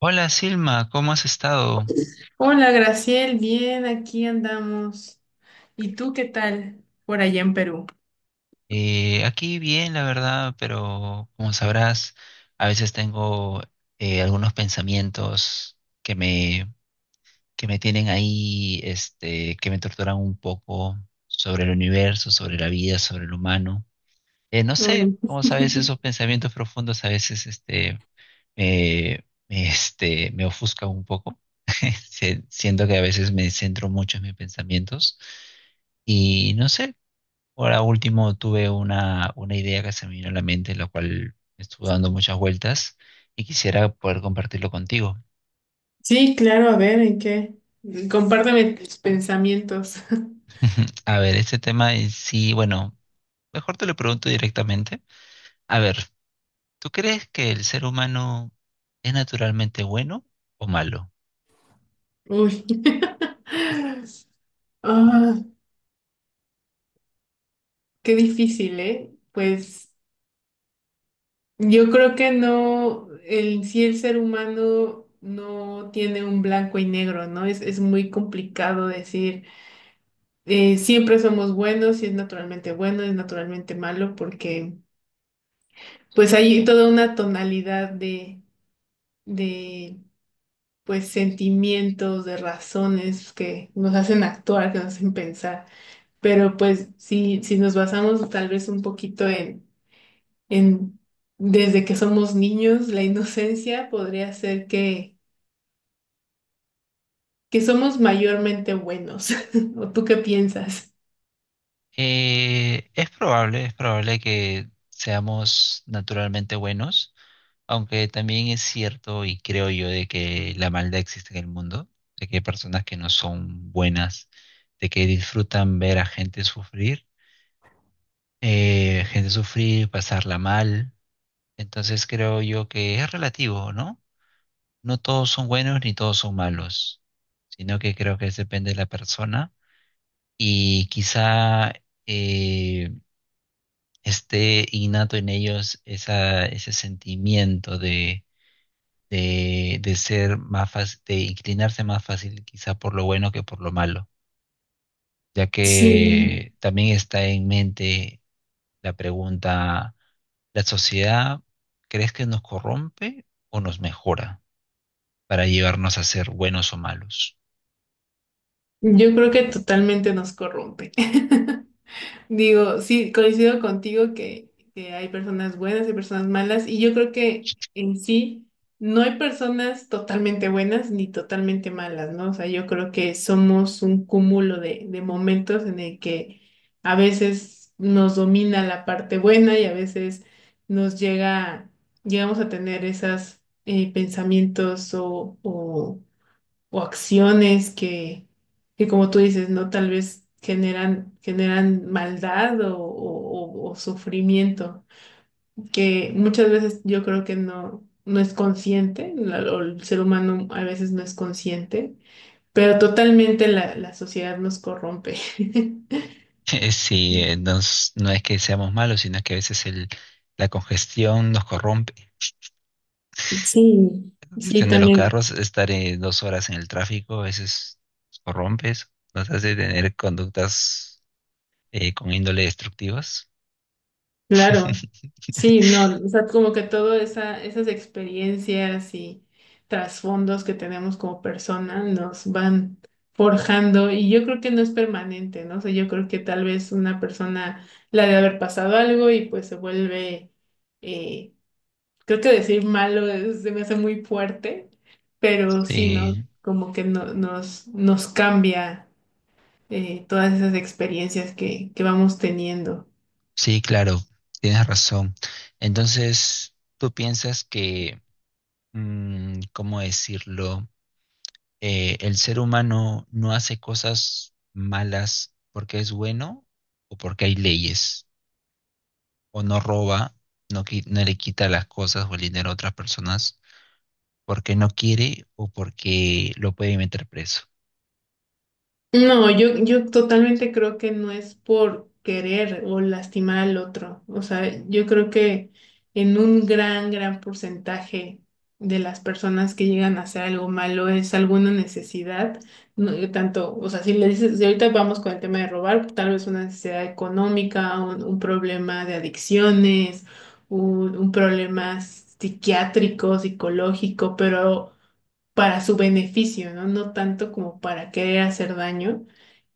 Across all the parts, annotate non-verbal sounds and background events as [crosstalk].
Hola Silma, ¿cómo has estado? Hola, Graciel, bien, aquí andamos. ¿Y tú qué tal por allá en Perú? Aquí bien, la verdad, pero como sabrás, a veces tengo algunos pensamientos que me tienen ahí, este, que me torturan un poco sobre el universo, sobre la vida, sobre el humano. No sé, Mm. como sabes, esos pensamientos profundos a veces este, este, me ofuscan un poco. [laughs] Siento que a veces me centro mucho en mis pensamientos. Y no sé. Ahora último tuve una idea que se me vino a la mente, la cual estuvo dando muchas vueltas y quisiera poder compartirlo contigo. Sí, claro, a ver, ¿en qué? Compárteme tus pensamientos. [laughs] [laughs] A ver, este tema en sí, bueno, mejor te lo pregunto directamente. A ver, ¿tú crees que el ser humano es naturalmente bueno o malo? Uy. [laughs] Ah, qué difícil, ¿eh? Pues yo creo que no, el ser humano no tiene un blanco y negro, ¿no? Es muy complicado decir, siempre somos buenos, si es naturalmente bueno, es naturalmente malo, porque pues hay toda una tonalidad de pues sentimientos, de razones que nos hacen actuar, que nos hacen pensar. Pero pues si nos basamos tal vez un poquito en desde que somos niños, la inocencia podría ser que somos mayormente buenos. [laughs] ¿O tú qué piensas? Es probable, es probable que seamos naturalmente buenos. Aunque también es cierto y creo yo de que la maldad existe en el mundo, de que hay personas que no son buenas, de que disfrutan ver a gente sufrir, pasarla mal. Entonces creo yo que es relativo, ¿no? No todos son buenos ni todos son malos, sino que creo que depende de la persona y quizá eh, esté innato en ellos esa, ese sentimiento de ser más fácil, de inclinarse más fácil quizá por lo bueno que por lo malo, ya Sí. que también está en mente la pregunta, ¿la sociedad crees que nos corrompe o nos mejora para llevarnos a ser buenos o malos? Yo creo que totalmente nos corrompe. [laughs] Digo, sí, coincido contigo que hay personas buenas y personas malas, y yo creo que en sí no hay personas totalmente buenas ni totalmente malas, ¿no? O sea, yo creo que somos un cúmulo de momentos en el que a veces nos domina la parte buena y a veces nos llega, llegamos a tener esos pensamientos o acciones que como tú dices, ¿no? Tal vez generan maldad o sufrimiento, que muchas veces yo creo que no, no es consciente, la- o el ser humano a veces no es consciente, pero totalmente la sociedad nos corrompe. [laughs] [laughs] Sí, no, no es que seamos malos, sino que a veces el, la congestión nos corrompe. Sí, La sí, congestión de los carros, también. estar 2 horas en el tráfico, a veces nos corrompe, eso, nos hace tener conductas con índole destructivas. Claro, [laughs] sí, no, o sea, como que todas esas experiencias y trasfondos que tenemos como persona nos van forjando y yo creo que no es permanente, ¿no? O sea, yo creo que tal vez una persona la de haber pasado algo y pues se vuelve, eh, creo que decir malo es- se me hace muy fuerte, pero sí, ¿no? Sí, Como que no- nos cambia todas esas experiencias que vamos teniendo. sí, claro, tienes razón. Entonces, ¿tú piensas que, mm, cómo decirlo, el ser humano no hace cosas malas porque es bueno o porque hay leyes? ¿O no roba, no, no le quita las cosas o el dinero a otras personas porque no quiere o porque lo puede meter preso? No, yo totalmente creo que no es por querer o lastimar al otro. O sea, yo creo que en un gran porcentaje de las personas que llegan a hacer algo malo es alguna necesidad, no, tanto, o sea, si le dices, si ahorita vamos con el tema de robar, tal vez una necesidad económica, un problema de adicciones, un problema psiquiátrico, psicológico, pero para su beneficio, ¿no? No tanto como para querer hacer daño.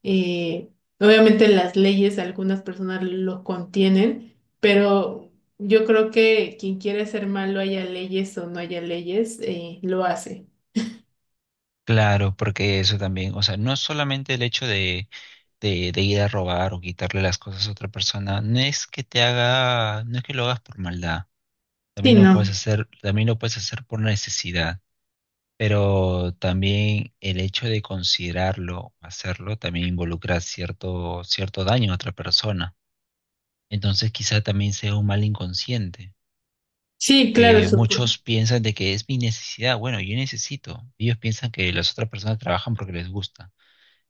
Eh, obviamente las leyes, algunas personas lo contienen, pero yo creo que quien quiere ser malo, haya leyes o no haya leyes, lo hace. Claro, porque eso también, o sea, no es solamente el hecho de ir a robar o quitarle las cosas a otra persona, no es que te haga, no es que lo hagas por maldad, Sí, también lo puedes no. hacer, también lo puedes hacer por necesidad, pero también el hecho de considerarlo, hacerlo, también involucra cierto, cierto daño a otra persona. Entonces quizá también sea un mal inconsciente, Sí, claro, porque supongo. muchos piensan de que es mi necesidad, bueno, yo necesito, ellos piensan que las otras personas trabajan porque les gusta.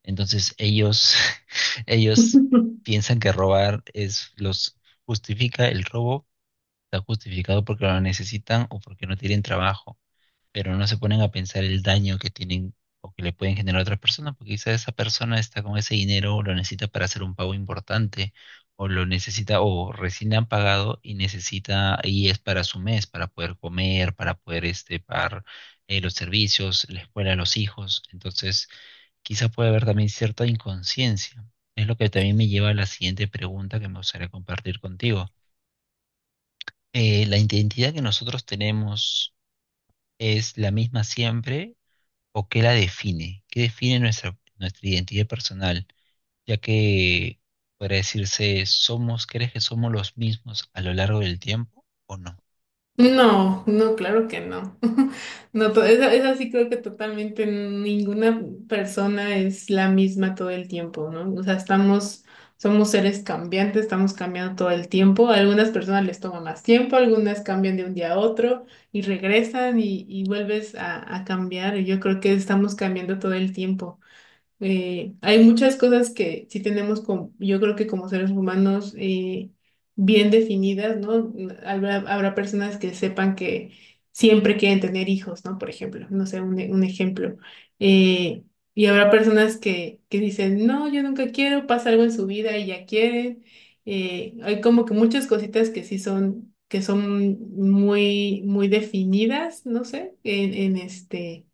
Entonces ellos, [laughs] ellos [laughs] piensan que robar es, los justifica el robo, está justificado porque lo necesitan o porque no tienen trabajo, pero no se ponen a pensar el daño que tienen o que le pueden generar a otras personas, porque quizá esa persona está con ese dinero o lo necesita para hacer un pago importante, o lo necesita, o recién le han pagado y necesita, y es para su mes, para poder comer, para poder este, pagar los servicios, la escuela a los hijos. Entonces, quizá puede haber también cierta inconsciencia. Es lo que también me lleva a la siguiente pregunta que me gustaría compartir contigo. ¿La identidad que nosotros tenemos es la misma siempre o qué la define? ¿Qué define nuestra, nuestra identidad personal? Ya que podría decirse, ¿somos, crees que somos los mismos a lo largo del tiempo o no? No, no, claro que no. [laughs] No, to- esa sí creo que totalmente ninguna persona es la misma todo el tiempo, ¿no? O sea, estamos, somos seres cambiantes, estamos cambiando todo el tiempo. A algunas personas les toma más tiempo, algunas cambian de un día a otro y regresan y vuelves a cambiar. Y yo creo que estamos cambiando todo el tiempo. Hay muchas cosas que sí tenemos, como, yo creo que como seres humanos, bien definidas, ¿no? Habrá personas que sepan que siempre quieren tener hijos, ¿no? Por ejemplo, no sé, un, e- un ejemplo. Eh, y habrá personas que dicen, no, yo nunca quiero, pasa algo en su vida y ya quieren. Hay como que muchas cositas que sí son, que son muy, muy definidas, no sé, en este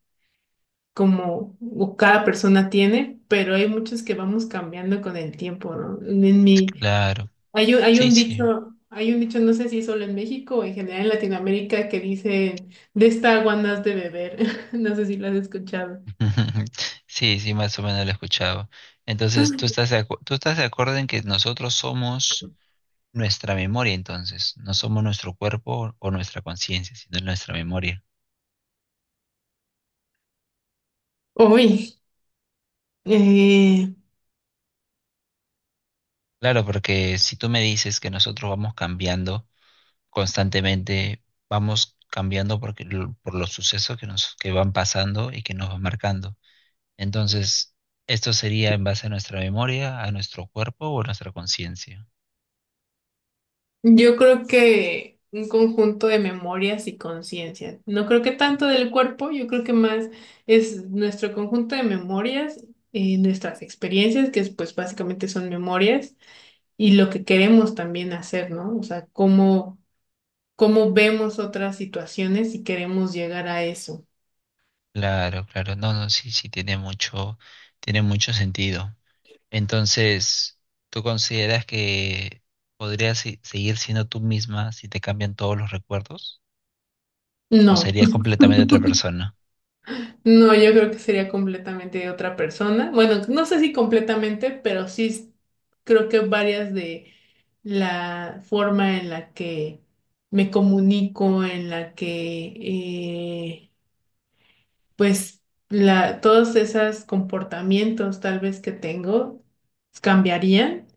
como o cada persona tiene, pero hay muchos que vamos cambiando con el tiempo, ¿no? En mi, Claro, hay un, hay sí, un sí. dicho, hay un dicho, no sé si solo en México o en general en Latinoamérica, que dicen, de esta agua no has de beber. [laughs] No sé si lo has escuchado. [laughs] Sí, sí, más o menos lo he escuchado. Entonces, ¿tú estás tú estás de acuerdo en que nosotros somos nuestra memoria entonces, no somos nuestro cuerpo o nuestra conciencia, sino nuestra memoria? Uy, eh, Claro, porque si tú me dices que nosotros vamos cambiando constantemente, vamos cambiando porque, por los sucesos que nos que van pasando y que nos van marcando. Entonces, esto sería en base a nuestra memoria, a nuestro cuerpo o a nuestra conciencia. yo creo que un conjunto de memorias y conciencia. No creo que tanto del cuerpo, yo creo que más es nuestro conjunto de memorias, nuestras experiencias, que es, pues básicamente son memorias, y lo que queremos también hacer, ¿no? O sea, cómo, cómo vemos otras situaciones y queremos llegar a eso. Claro, claro, no, no, sí, sí, tiene mucho sentido. Entonces, ¿tú consideras que podrías seguir siendo tú misma si te cambian todos los recuerdos? ¿O No, serías completamente otra persona? [laughs] no, yo creo que sería completamente de otra persona. Bueno, no sé si completamente, pero sí s- creo que varias de la forma en la que me comunico, en la que, pues, la, todos esos comportamientos tal vez que tengo cambiarían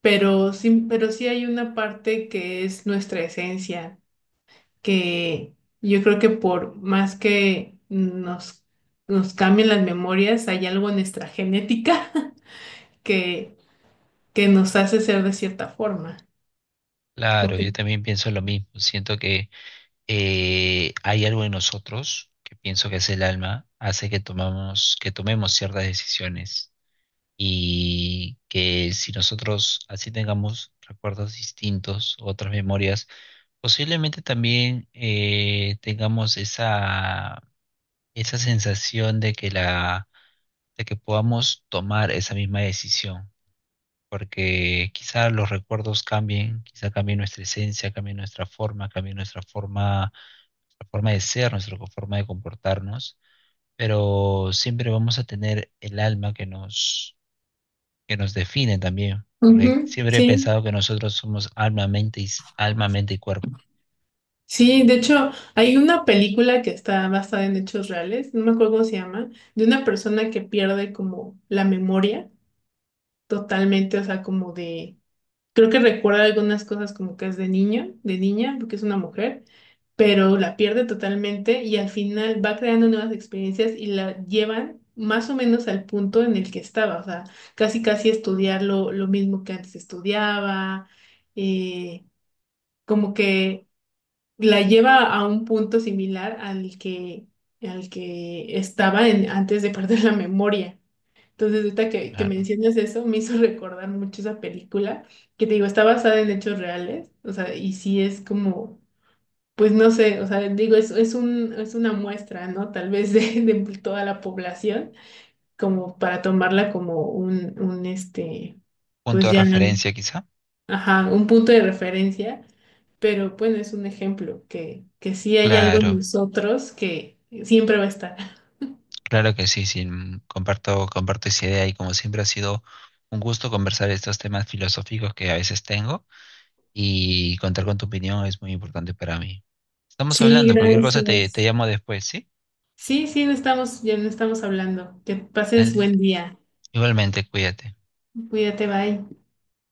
pero sí hay una parte que es nuestra esencia, que yo creo que por más que nos cambien las memorias, hay algo en nuestra genética [laughs] que, que nos hace ser de cierta forma. Claro, yo Ok. también pienso lo mismo. Siento que hay algo en nosotros, que pienso que es el alma, hace que tomamos, que tomemos ciertas decisiones. Y que si nosotros así tengamos recuerdos distintos, otras memorias, posiblemente también tengamos esa esa sensación de que la, de que podamos tomar esa misma decisión, porque quizá los recuerdos cambien, quizá cambie nuestra esencia, cambie nuestra forma de ser, nuestra forma de comportarnos, pero siempre vamos a tener el alma que nos define también, Ujú, porque siempre he sí, pensado que nosotros somos alma, mente y, alma, mente y cuerpo. sí, de hecho hay una película que está basada en hechos reales, no me acuerdo cómo se llama, de una persona que pierde como la memoria totalmente, o sea, como de Creo que recuerda algunas cosas como que es de niño, de niña, porque es una mujer, pero la pierde totalmente y al final va creando nuevas experiencias y la llevan más o menos al punto en el que estaba, o sea, casi casi estudiar lo mismo que antes estudiaba, eh, como que la lleva a un punto similar al que estaba en- antes de perder la memoria. Entonces, ahorita que Claro. mencionas eso, me hizo [laughs] recordar mucho esa película, que te digo, está basada en hechos reales, o sea, y sí es como, pues no sé, o sea, digo, es, es una muestra, ¿no? Tal vez de, [laughs] de toda la población, como para tomarla como un, este, Punto pues de ya, referencia quizá. ajá, un punto de referencia, pero bueno, es un ejemplo, que sí hay algo en Claro. nosotros que siempre va a estar. Claro que sí, sí, mm, comparto, comparto esa idea y como siempre ha sido un gusto conversar estos temas filosóficos que a veces tengo y contar con tu opinión es muy importante para mí. Estamos Sí, hablando, cualquier cosa te, te gracias. llamo después, ¿sí? Sí, sí, no estamos, ya no estamos hablando. Que pases Dale, buen día. igualmente, cuídate. Cuídate, bye.